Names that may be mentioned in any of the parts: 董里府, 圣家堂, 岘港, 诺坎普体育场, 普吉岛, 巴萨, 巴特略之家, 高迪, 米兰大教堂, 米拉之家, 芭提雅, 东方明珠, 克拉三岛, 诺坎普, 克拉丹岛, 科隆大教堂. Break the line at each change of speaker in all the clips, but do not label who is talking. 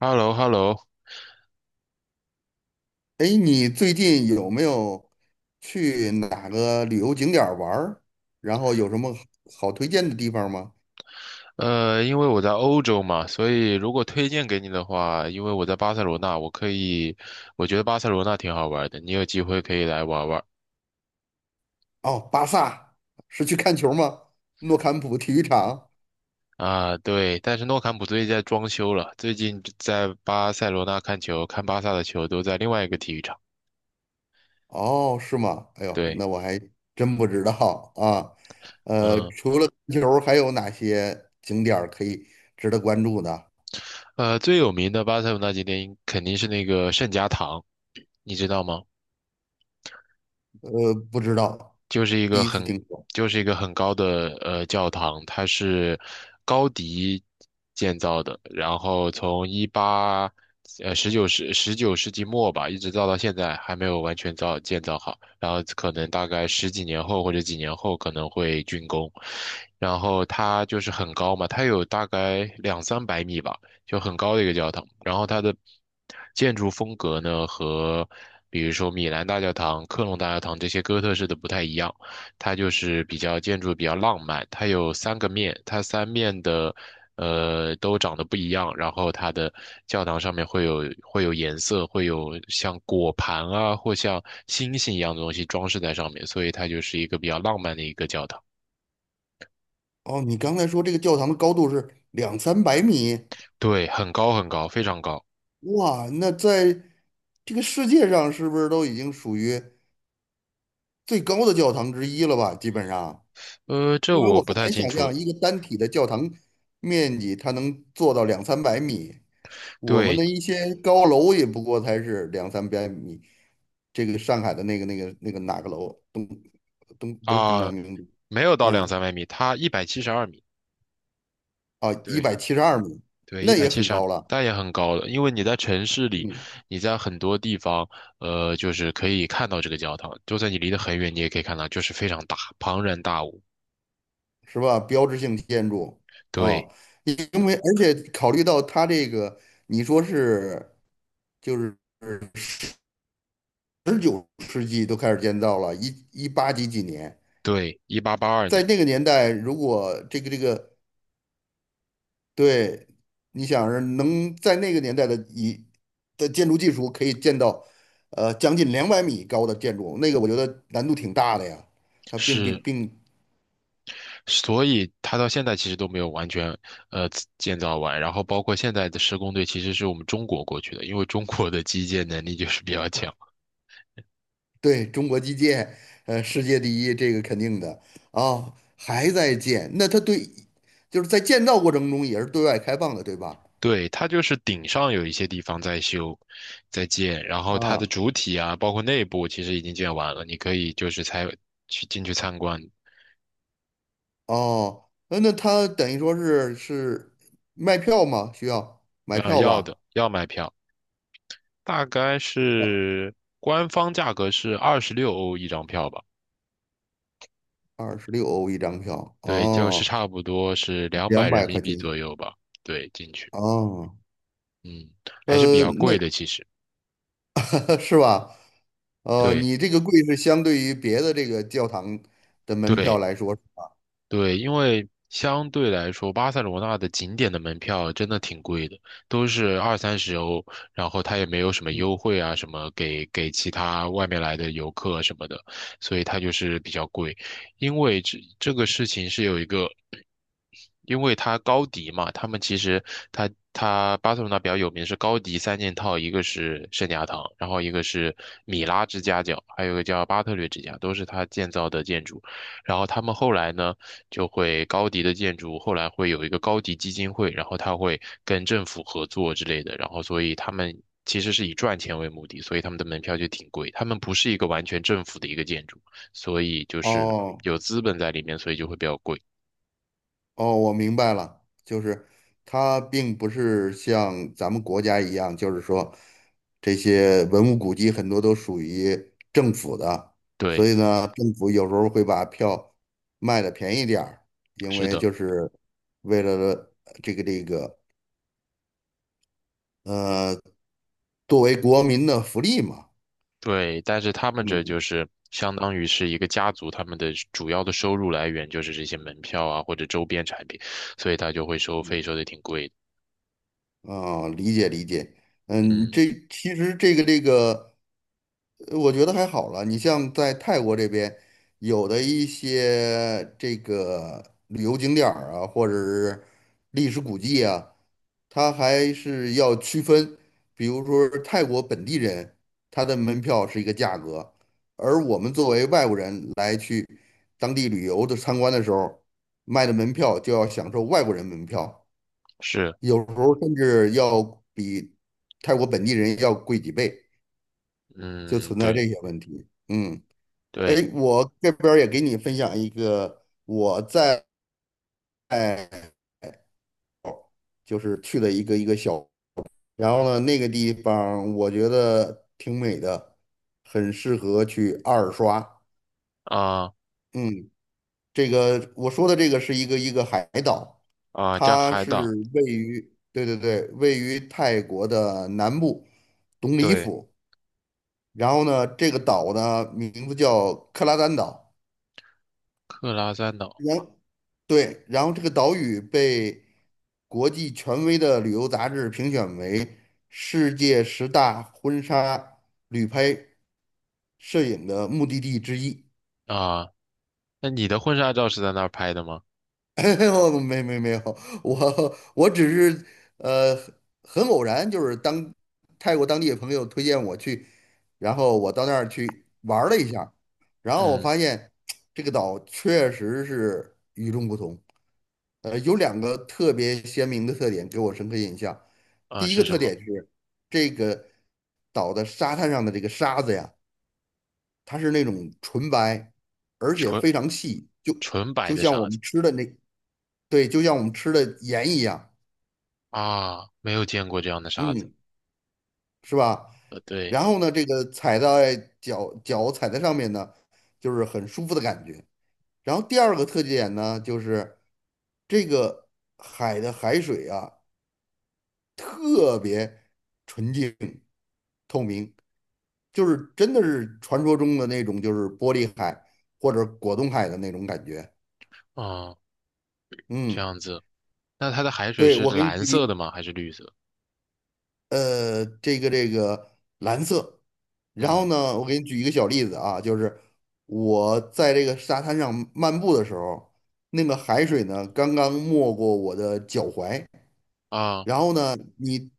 h e l l o h e l l o。
哎，你最近有没有去哪个旅游景点儿玩儿？然后有什么好推荐的地方吗？
因为我在欧洲嘛，所以如果推荐给你的话，因为我在巴塞罗那，我可以，我觉得巴塞罗那挺好玩的，你有机会可以来玩玩
哦，巴萨是去看球吗？诺坎普体育场？
啊。对，但是诺坎普最近在装修了，最近在巴塞罗那看球，看巴萨的球都在另外一个体育场。
哦，是吗？哎呦，
对，
那我还真不知道啊。
嗯，
除了看球，还有哪些景点儿可以值得关注的？
最有名的巴塞罗那景点应肯定是那个圣家堂，你知道吗？
不知道，
就是一
第
个
一次
很
听说。
就是一个很高的教堂，它是高迪建造的，然后从19世纪末吧，一直造到现在还没有完全建造好，然后可能大概十几年后或者几年后可能会竣工，然后它就是很高嘛，它有大概两三百米吧。就很高的一个教堂。然后它的建筑风格呢，和比如说米兰大教堂、科隆大教堂这些哥特式的不太一样，它就是建筑比较浪漫。它有三个面，它三面的都长得不一样，然后它的教堂上面会有颜色，会有像果盘啊或像星星一样的东西装饰在上面，所以它就是一个比较浪漫的一个教堂。
哦，你刚才说这个教堂的高度是两三百米？
对，很高很高，非常高。
哇，那在这个世界上是不是都已经属于最高的教堂之一了吧？基本上，
这
因为
我
我很
不太
难
清
想
楚。
象一个单体的教堂面积它能做到两三百米，我们
对
的一些高楼也不过才是两三百米。这个上海的那个哪个楼东东不是东方
啊，
明珠。
没有到两
嗯。
三百米，它一百七十二米，
啊，一
对
百七十二米，
对，一
那
百
也
七
很
十二
高
米，
了。
它也很高了。因为你在城市里，
嗯。
你在很多地方，就是可以看到这个教堂，就算你离得很远，你也可以看到，就是非常大，庞然大物。
是吧？标志性建筑啊。
对
因为而且考虑到它这个，你说是就是19世纪都开始建造了，一八几几年，
对，一八八二
在
年
那个年代，如果这个对，你想是能在那个年代的建筑技术可以建到将近200米高的建筑，那个我觉得难度挺大的呀。它并不
是，
并。
所以它到现在其实都没有完全呃建造完，然后包括现在的施工队其实是我们中国过去的，因为中国的基建能力就是比较强。
对，中国基建，世界第一，这个肯定的。啊，还在建，那它。对，就是在建造过程中也是对外开放的，对吧？
对，它就是顶上有一些地方在修，在建，然后它的
啊，
主体啊，包括内部其实已经建完了，你可以就是才去进去参观，
哦，那它等于说是卖票吗？需要买
啊，
票
要的
吧？
要买票，大概
哦，
是官方价格是26欧一张票吧，
26欧一张票，
对，就是
哦，
差不多是两百
两
人
百
民
块钱，
币左右吧，对，进去，
哦。
嗯，还是比较
那
贵的其实，
是吧？
对，
你这个贵是相对于别的这个教堂的门票
对。
来说，
对，因为相对来说，巴塞罗那的景点的门票真的挺贵的，都是2、30欧，然后它也没有什么
嗯，
优惠啊，什么给其他外面来的游客什么的，所以它就是比较贵。因为这个事情是有一个。因为他高迪嘛，他们其实他巴塞罗那比较有名是高迪三件套，一个是圣家堂，然后一个是米拉之家教，还有一个叫巴特略之家，都是他建造的建筑。然后他们后来呢，就会高迪的建筑后来会有一个高迪基金会，然后他会跟政府合作之类的，然后所以他们其实是以赚钱为目的，所以他们的门票就挺贵，他们不是一个完全政府的一个建筑，所以就是
哦。
有资本在里面，所以就会比较贵。
哦，我明白了，就是它并不是像咱们国家一样，就是说这些文物古迹很多都属于政府的，所
对，
以呢，政府有时候会把票卖的便宜点儿，因
是
为
的。
就是为了这个呃，作为国民的福利嘛。
对，但是他们这
嗯，
就是相当于是一个家族，他们的主要的收入来源就是这些门票啊或者周边产品，所以他就会收费，收的挺贵的。
啊，理解理解。嗯，
嗯，
这其实这个。我觉得还好了。你像在泰国这边，有的一些这个旅游景点儿啊，或者是历史古迹啊，它还是要区分。比如说泰国本地人，他的门票是一个价格，而我们作为外国人来当地旅游的参观的时候，卖的门票就要享受外国人门票，
是，
有时候甚至要比泰国本地人要贵几倍，就
嗯，
存在这
对
些问题。嗯。哎，
对
我这边儿也给你分享一个我在就是去了一个小，然后呢，那个地方我觉得挺美的，很适合去二刷。
啊
嗯，这个我说的这个是一个海岛，
啊，加
它
海岛，
是位于对对对，位于泰国的南部董里
对，
府。然后呢，这个岛呢名字叫克拉丹岛。
克拉三岛
然对，然后这个岛屿被国际权威的旅游杂志评选为世界十大婚纱旅拍摄影的目的地之一。
啊。那你的婚纱照是在那儿拍的吗？
我没有，我只是呃很偶然，就是当泰国当地的朋友推荐我去，然后我到那儿去玩儿了一下儿，然后我
嗯
发现这个岛确实是与众不同。有两个特别鲜明的特点给我深刻印象。
啊，
第一
是
个
什
特
么？
点是这个岛的沙滩上的这个沙子呀。它是那种纯白，而且
纯
非常细，就
纯白
就
的
像我
沙子
们吃的那，对，就像我们吃的盐一样。
啊，没有见过这样的沙子。
嗯，是吧？
对，
然后呢，这个踩在脚脚踩在上面呢，就是很舒服的感觉。然后第二个特点呢，就是这个海的海水啊，特别纯净，就是真的是传说中的那种，就是玻璃海或者果冻海的那种感觉。
啊，这
嗯，
样子。那它的海水
对，
是
我给你
蓝色
举，
的吗？还是绿色？
这个蓝色。然后
嗯。
呢，我给你举一个小例子啊，就是我在这个沙滩上漫步的时候，那个海水呢刚刚没过我的脚踝，
啊，
然后呢，你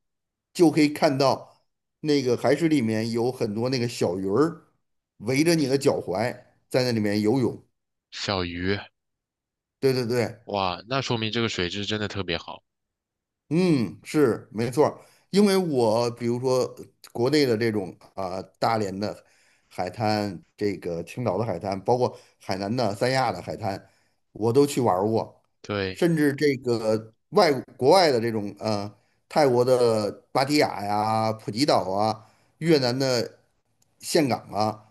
就可以看到那个海水里面有很多那个小鱼儿围着你的脚踝在那里面游泳。
小鱼，
对对对，
哇，那说明这个水质真的特别好。
嗯，是没错儿。因为我比如说国内的这种啊、大连的海滩，这个青岛的海滩，包括海南的三亚的海滩，我都去玩儿过，
对，
甚至这个国外的这种泰国的芭提雅呀、普吉岛啊、越南的岘港啊，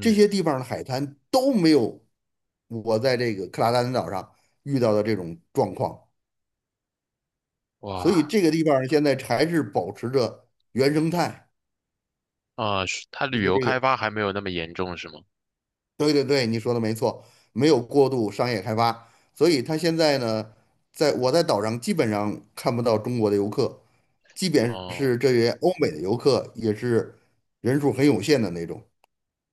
这些地方的海滩都没有我在这个克拉丹岛上遇到的这种状况。所以
哇，
这个地方儿现在还是保持着原生态，
啊，是它
一
旅
个
游
这
开
个，
发还没有那么严重是吗？
对对对，你说的没错，没有过度商业开发，所以它现在呢，在我在岛上基本上看不到中国的游客，即便
哦，
是这些欧美的游客，也是人数很有限的那种，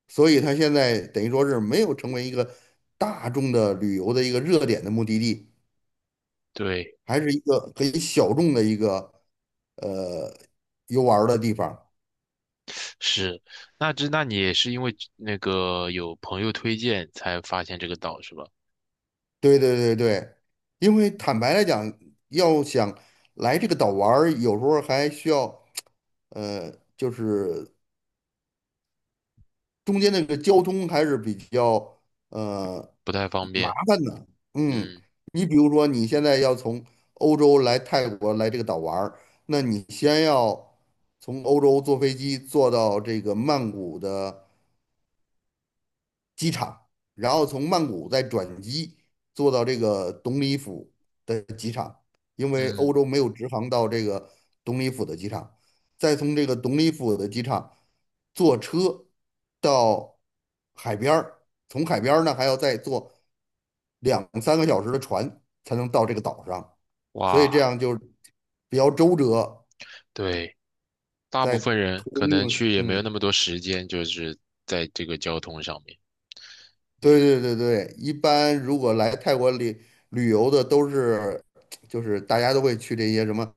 所以它现在等于说是没有成为一个大众的旅游的一个热点的目的地，
对，
还是一个很小众的一个呃游玩儿的地方。
是，那你也是因为那个有朋友推荐才发现这个岛是吧？
对对对对，因为坦白来讲，要想来这个岛玩儿，有时候还需要，就是中间那个交通还是比较呃
不太方
麻
便。
烦的。嗯，
嗯
你比如说你现在要从欧洲来泰国来这个岛玩儿，那你先要从欧洲坐飞机坐到这个曼谷的机场，然后从曼谷再转机坐到这个董里府的机场，因为欧
嗯，
洲没有直航到这个董里府的机场，再从这个董里府的机场坐车到海边儿，从海边儿呢还要再坐两三个小时的船才能到这个岛上，所以
哇，
这样就比较周折，
对，大部
在
分人
途
可
中
能
就
去也没有那
嗯。
么多时间，就是在这个交通上面。
对对对对，一般如果来泰国旅游的都是，就是大家都会去这些什么，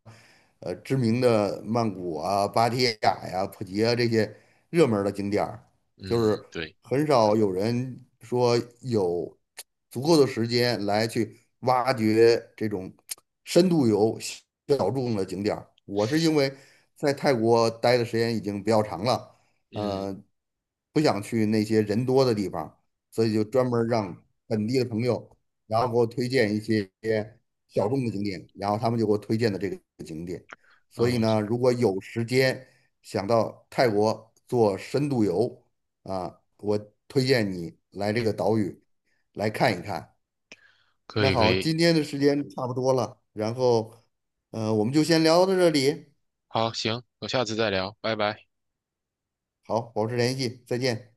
知名的曼谷啊、芭提雅呀、普吉啊这些热门儿的景点儿，就是
嗯，对，
很少有人说有足够的时间来去挖掘这种深度游小众的景点儿。我是因为在泰国待的时间已经比较长了，
嗯
呃，不想去那些人多的地方。所以就专门让本地的朋友，然后给我推荐一些小众的景点，然后他们就给我推荐的这个景点。所以
嗯，
呢，如果有时间想到泰国做深度游啊，我推荐你来这个岛屿来看一看。
可
那
以可
好，
以，
今天的时间差不多了，然后，我们就先聊到这里。
好，行，我下次再聊，拜拜。
好，保持联系，再见。